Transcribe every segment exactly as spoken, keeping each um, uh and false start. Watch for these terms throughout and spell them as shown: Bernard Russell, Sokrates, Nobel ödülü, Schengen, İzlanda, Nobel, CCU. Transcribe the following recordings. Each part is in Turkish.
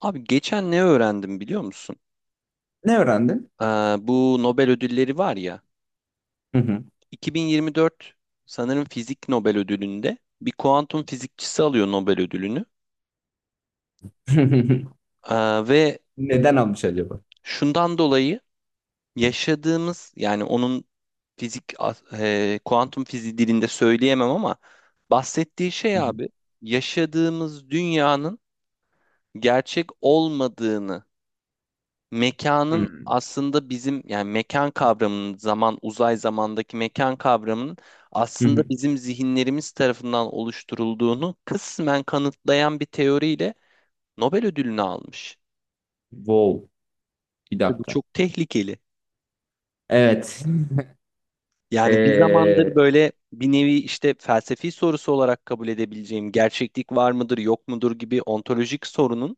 Abi geçen ne öğrendim biliyor musun? Ne öğrendin? Ee, Bu Nobel ödülleri var ya. Hı hı. iki bin yirmi dört sanırım fizik Nobel ödülünde bir kuantum fizikçisi alıyor Nobel ödülünü. Ee, ve Neden almış acaba? şundan dolayı yaşadığımız yani onun fizik e, kuantum fiziği dilinde söyleyemem ama bahsettiği şey Hı hı. abi yaşadığımız dünyanın gerçek olmadığını mekanın Hmm. aslında bizim yani mekan kavramının zaman uzay zamandaki mekan kavramının Hı hı, aslında hı. bizim zihinlerimiz tarafından oluşturulduğunu kısmen kanıtlayan bir teoriyle Nobel ödülünü almış. Wow. Bir Ve bu dakika. çok tehlikeli. Evet. Yani bir zamandır Ee, böyle bir nevi işte felsefi sorusu olarak kabul edebileceğim gerçeklik var mıdır yok mudur gibi ontolojik sorunun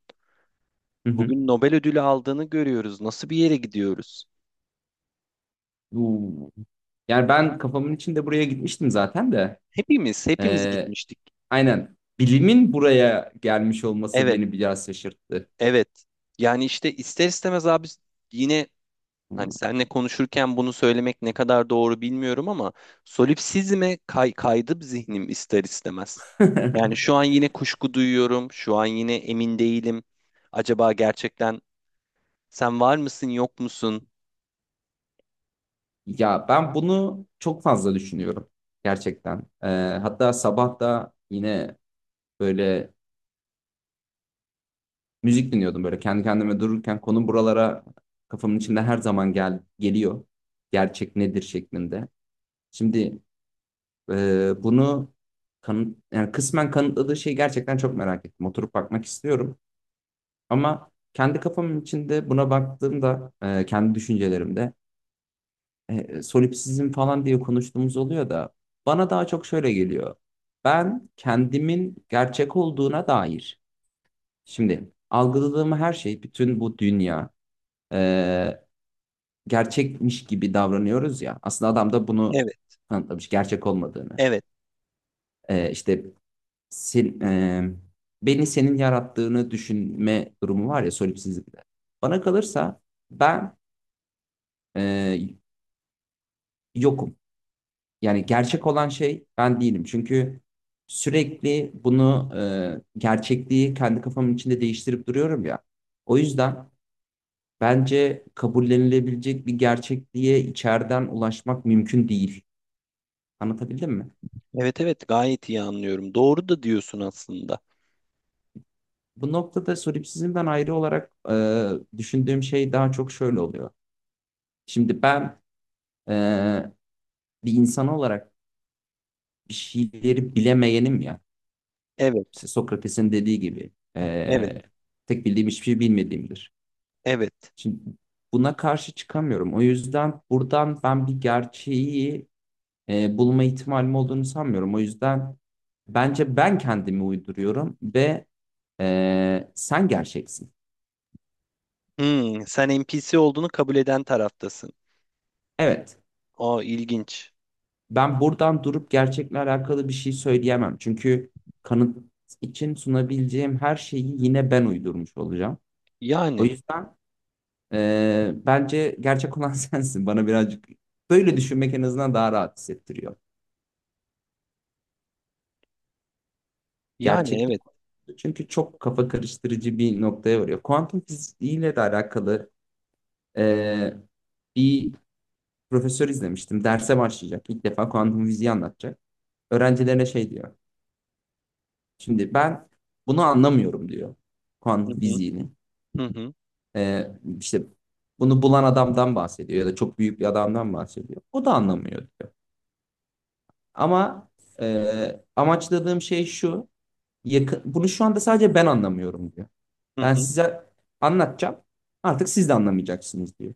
hı hı. bugün Nobel ödülü aldığını görüyoruz. Nasıl bir yere gidiyoruz? Bu- Yani ben kafamın içinde buraya gitmiştim zaten de. Hepimiz, hepimiz Ee, gitmiştik. aynen. Bilimin buraya gelmiş olması Evet. beni biraz şaşırttı. Evet. Yani işte ister istemez abi yine hani Hmm. seninle konuşurken bunu söylemek ne kadar doğru bilmiyorum ama solipsizme kay kaydı zihnim ister istemez. Yani şu an yine kuşku duyuyorum. Şu an yine emin değilim. Acaba gerçekten sen var mısın yok musun? Ya ben bunu çok fazla düşünüyorum gerçekten. Ee, hatta sabah da yine böyle müzik dinliyordum, böyle kendi kendime dururken konu buralara, kafamın içinde her zaman gel geliyor. Gerçek nedir şeklinde. Şimdi e, bunu kanıt, yani kısmen kanıtladığı şeyi gerçekten çok merak ettim. Oturup bakmak istiyorum. Ama kendi kafamın içinde buna baktığımda, e, kendi düşüncelerimde e, solipsizm falan diye konuştuğumuz oluyor da bana daha çok şöyle geliyor. Ben kendimin gerçek olduğuna dair. Şimdi algıladığım her şey, bütün bu dünya, e, gerçekmiş gibi davranıyoruz ya. Aslında adam da bunu Evet. kanıtlamış, gerçek olmadığını. Evet. Ee, işte sen, e, beni senin yarattığını düşünme durumu var ya solipsizlikte. Bana kalırsa ben e, yokum. Yani gerçek olan şey ben değilim. Çünkü sürekli bunu, e, gerçekliği kendi kafamın içinde değiştirip duruyorum ya. O yüzden bence kabullenilebilecek bir gerçekliğe içeriden ulaşmak mümkün değil. Anlatabildim mi? Evet evet gayet iyi anlıyorum. Doğru da diyorsun aslında. Bu noktada solipsizmden ayrı olarak e, düşündüğüm şey daha çok şöyle oluyor. Şimdi ben e, bir insan olarak bir şeyleri bilemeyenim ya. Evet. İşte Sokrates'in dediği gibi Evet. e, tek bildiğim hiçbir şey bilmediğimdir. Evet. Şimdi buna karşı çıkamıyorum. O yüzden buradan ben bir gerçeği e, bulma ihtimalim olduğunu sanmıyorum. O yüzden bence ben kendimi uyduruyorum ve e, sen gerçeksin. Hmm, sen N P C olduğunu kabul eden taraftasın. Evet. Aa ilginç. Ben buradan durup gerçekle alakalı bir şey söyleyemem. Çünkü kanıt için sunabileceğim her şeyi yine ben uydurmuş olacağım. O Yani. yüzden e, bence gerçek olan sensin. Bana birazcık böyle düşünmek en azından daha rahat hissettiriyor. Yani Gerçeklik. evet. Çünkü çok kafa karıştırıcı bir noktaya varıyor. Kuantum fiziğiyle de alakalı e, bir profesör izlemiştim. Derse başlayacak. İlk defa kuantum fiziği anlatacak. Öğrencilerine şey diyor. Şimdi ben bunu anlamıyorum diyor, Hı kuantum hı, fiziğini. hı hı, Ee, işte bunu bulan adamdan bahsediyor ya da çok büyük bir adamdan bahsediyor. O da anlamıyor diyor. Ama e, amaçladığım şey şu. Yakın, bunu şu anda sadece ben anlamıyorum diyor. hı Ben hı. size anlatacağım. Artık siz de anlamayacaksınız diyor.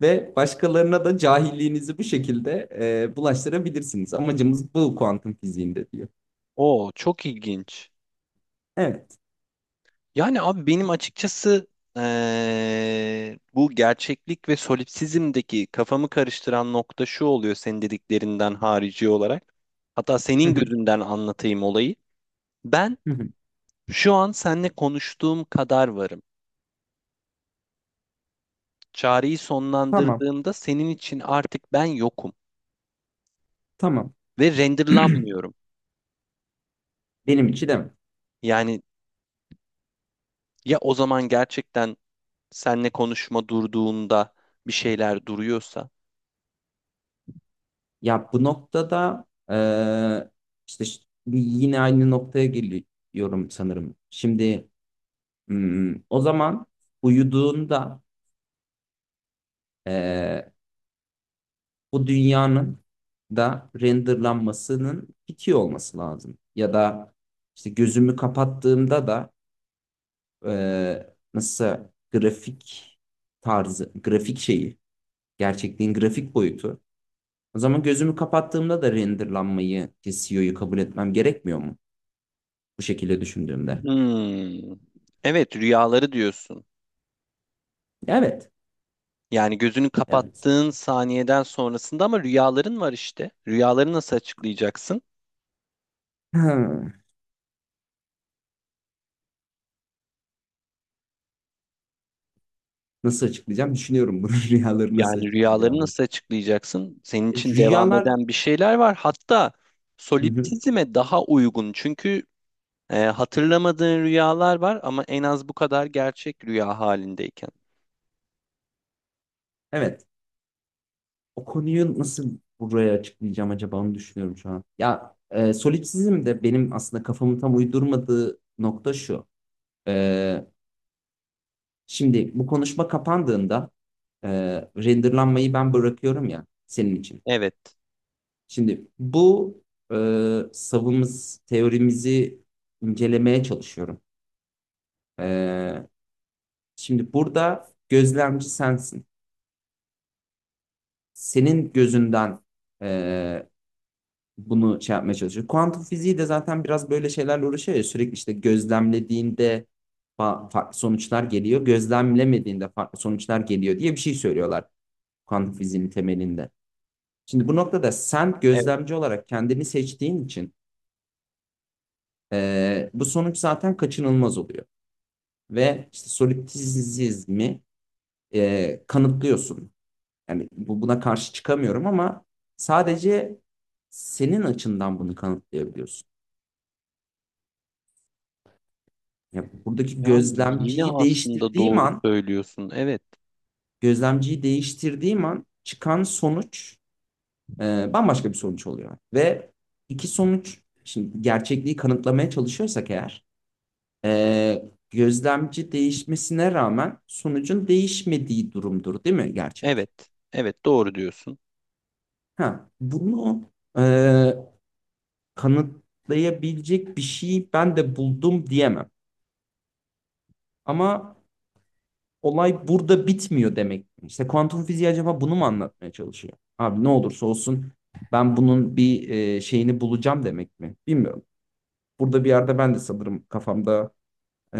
Ve başkalarına da cahilliğinizi bu şekilde e, bulaştırabilirsiniz. Amacımız bu, kuantum fiziğinde diyor. Oo, çok ilginç. Evet. Yani abi benim açıkçası eee, bu gerçeklik ve solipsizmdeki kafamı karıştıran nokta şu oluyor senin dediklerinden harici olarak. Hatta Hı senin hı, gözünden anlatayım olayı. Ben hı hı. şu an seninle konuştuğum kadar varım. Çağrıyı Tamam. sonlandırdığımda senin için artık ben yokum Tamam. ve renderlanmıyorum. Benim için de mi? Yani ya o zaman gerçekten seninle konuşma durduğunda bir şeyler duruyorsa Ya bu noktada eee, işte ş- yine aynı noktaya geliyorum sanırım. Şimdi hmm, o zaman uyuduğunda eee, bu dünyanın da renderlanmasının bitiyor olması lazım. Ya da işte gözümü kapattığımda da eee nasıl grafik tarzı, grafik şeyi, gerçekliğin grafik boyutu. O zaman gözümü kapattığımda da renderlanmayı, C C U'yu kabul etmem gerekmiyor mu? Bu şekilde düşündüğümde. Hmm. Evet, rüyaları diyorsun. Evet. Yani gözünü Evet. kapattığın saniyeden sonrasında ama rüyaların var işte. Rüyaları nasıl açıklayacaksın? Ha, nasıl açıklayacağım? Düşünüyorum bunu. Rüyaları nasıl Yani rüyaları açıklayacağımı. nasıl açıklayacaksın? Senin E, için devam Rüyalar... eden bir şeyler var. Hatta Hı hı. solipsizme daha uygun. Çünkü e, hatırlamadığın rüyalar var ama en az bu kadar gerçek rüya halindeyken. Evet. O konuyu nasıl buraya açıklayacağım, acaba onu düşünüyorum şu an. Ya e, solipsizm de benim aslında kafamın tam uydurmadığı nokta şu. E, Şimdi bu konuşma kapandığında e, renderlanmayı ben bırakıyorum ya senin için. Evet. Şimdi bu e, savımız, teorimizi incelemeye çalışıyorum. E, Şimdi burada gözlemci sensin. Senin gözünden e, bunu şey yapmaya çalışıyor. Kuantum fiziği de zaten biraz böyle şeylerle uğraşıyor ya. Sürekli işte gözlemlediğinde farklı sonuçlar geliyor. Gözlemlemediğinde farklı sonuçlar geliyor diye bir şey söylüyorlar, kuantum fiziğinin temelinde. Şimdi bu noktada sen Evet. gözlemci olarak kendini seçtiğin için e, bu sonuç zaten kaçınılmaz oluyor. Ve işte solipsizmi e, kanıtlıyorsun. Yani bu buna karşı çıkamıyorum ama sadece senin açından bunu kanıtlayabiliyorsun. Yani buradaki Yani yine gözlemciyi aslında değiştirdiğim doğru an, söylüyorsun. Evet. gözlemciyi değiştirdiğim an çıkan sonuç e, bambaşka bir sonuç oluyor. Ve iki sonuç, şimdi gerçekliği kanıtlamaya çalışıyorsak eğer, e, gözlemci değişmesine rağmen sonucun değişmediği durumdur, değil mi gerçek? Evet. Evet, doğru diyorsun. Ha, bunu e, kanıtlayabilecek bir şey ben de buldum diyemem. Ama olay burada bitmiyor demek. İşte kuantum fiziği acaba bunu mu anlatmaya çalışıyor? Abi ne olursa olsun ben bunun bir e, şeyini bulacağım demek mi? Bilmiyorum. Burada bir yerde ben de sanırım kafamda e,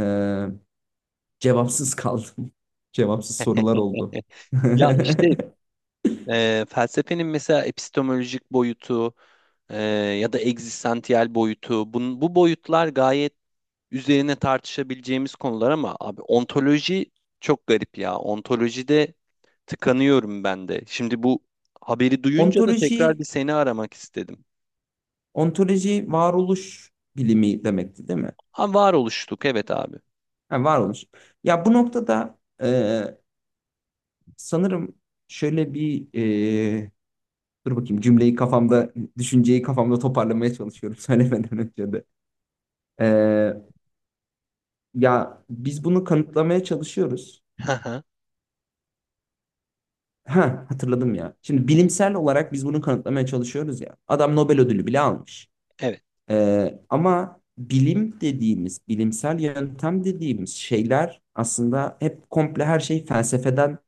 cevapsız kaldım. Cevapsız sorular oldu. Ya işte Eee, felsefenin mesela epistemolojik boyutu eee, ya da egzistansiyel boyutu bun, bu boyutlar gayet üzerine tartışabileceğimiz konular ama abi ontoloji çok garip ya. Ontolojide tıkanıyorum ben de. Şimdi bu haberi duyunca da Ontoloji, tekrar bir seni aramak istedim. ontoloji varoluş bilimi demekti, değil mi? Ha, var oluştuk evet abi. Ha, varoluş. Ya bu noktada e, sanırım şöyle bir e, dur bakayım, cümleyi kafamda, düşünceyi kafamda toparlamaya çalışıyorum söylemeden önce de. E, Ya biz bunu kanıtlamaya çalışıyoruz. Hı hı. Ha, hatırladım ya. Şimdi bilimsel olarak biz bunu kanıtlamaya çalışıyoruz ya. Adam Nobel ödülü bile almış. Evet, Ee, ama bilim dediğimiz, bilimsel yöntem dediğimiz şeyler aslında hep komple, her şey felsefeden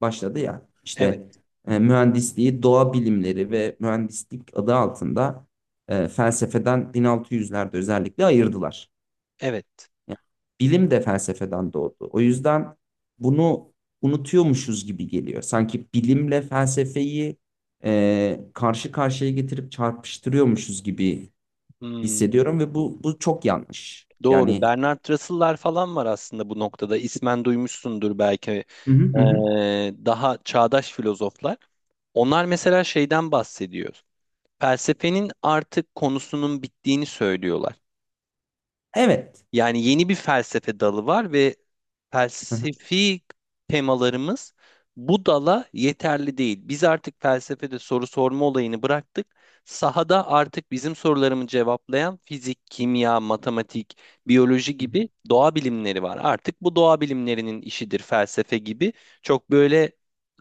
başladı ya. evet, İşte e, mühendisliği, doğa bilimleri ve mühendislik adı altında e, felsefeden bin altı yüzlerde özellikle ayırdılar. evet. Yani bilim de felsefeden doğdu. O yüzden bunu unutuyormuşuz gibi geliyor. Sanki bilimle felsefeyi e, karşı karşıya getirip çarpıştırıyormuşuz gibi Hmm. hissediyorum ve bu bu çok yanlış. Doğru. Yani. Bernard Russell'lar falan var aslında bu noktada. İsmen duymuşsundur belki. Hı hı Ee, hı, hı. Daha çağdaş filozoflar. Onlar mesela şeyden bahsediyor. Felsefenin artık konusunun bittiğini söylüyorlar. Evet. Yani yeni bir felsefe dalı var ve Hı hı. felsefi temalarımız bu dala yeterli değil. Biz artık felsefede soru sorma olayını bıraktık. Sahada artık bizim sorularımı cevaplayan fizik, kimya, matematik, biyoloji Hı hı. gibi doğa bilimleri var. Artık bu doğa bilimlerinin işidir felsefe gibi. Çok böyle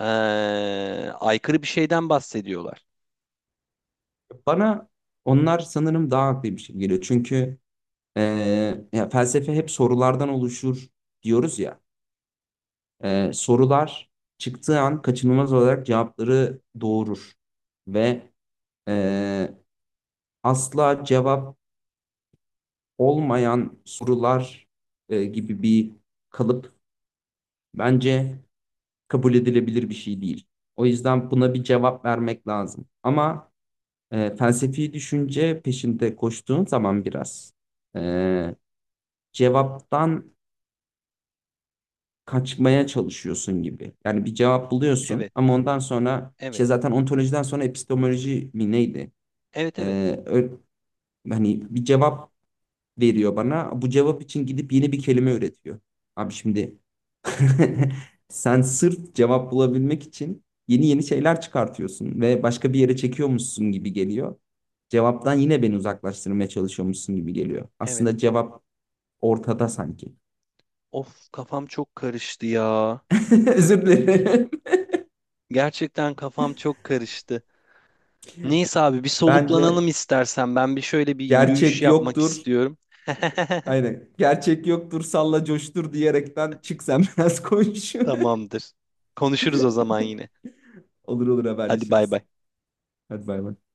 eee, aykırı bir şeyden bahsediyorlar. Bana onlar sanırım daha haklıymış gibi geliyor. Çünkü e, ya felsefe hep sorulardan oluşur diyoruz ya. E, sorular çıktığı an kaçınılmaz olarak cevapları doğurur. Ve e, asla cevap olmayan sorular e, gibi bir kalıp, bence kabul edilebilir bir şey değil. O yüzden buna bir cevap vermek lazım. Ama e, felsefi düşünce peşinde koştuğun zaman biraz e, cevaptan kaçmaya çalışıyorsun gibi. Yani bir cevap buluyorsun Evet, ama ondan sonra evet, işte, zaten ontolojiden sonra epistemoloji mi neydi? evet, evet, E, ö- Hani bir cevap veriyor bana. Bu cevap için gidip yeni bir kelime üretiyor. Abi şimdi sen sırf cevap bulabilmek için yeni yeni şeyler çıkartıyorsun ve başka bir yere çekiyormuşsun gibi geliyor. Cevaptan yine beni uzaklaştırmaya çalışıyormuşsun gibi geliyor. evet. Aslında cevap ortada sanki. Of kafam çok karıştı ya. Özür dilerim. Gerçekten kafam çok karıştı. Neyse abi bir Bence soluklanalım istersen. Ben bir şöyle bir yürüyüş gerçek yapmak yoktur. istiyorum. Aynen. Gerçek yoktur, salla coştur diyerekten çık sen, biraz koş. Tamamdır. Konuşuruz o zaman yine. Olur olur, Hadi bay haberleşiriz. bay. Hadi bay bay.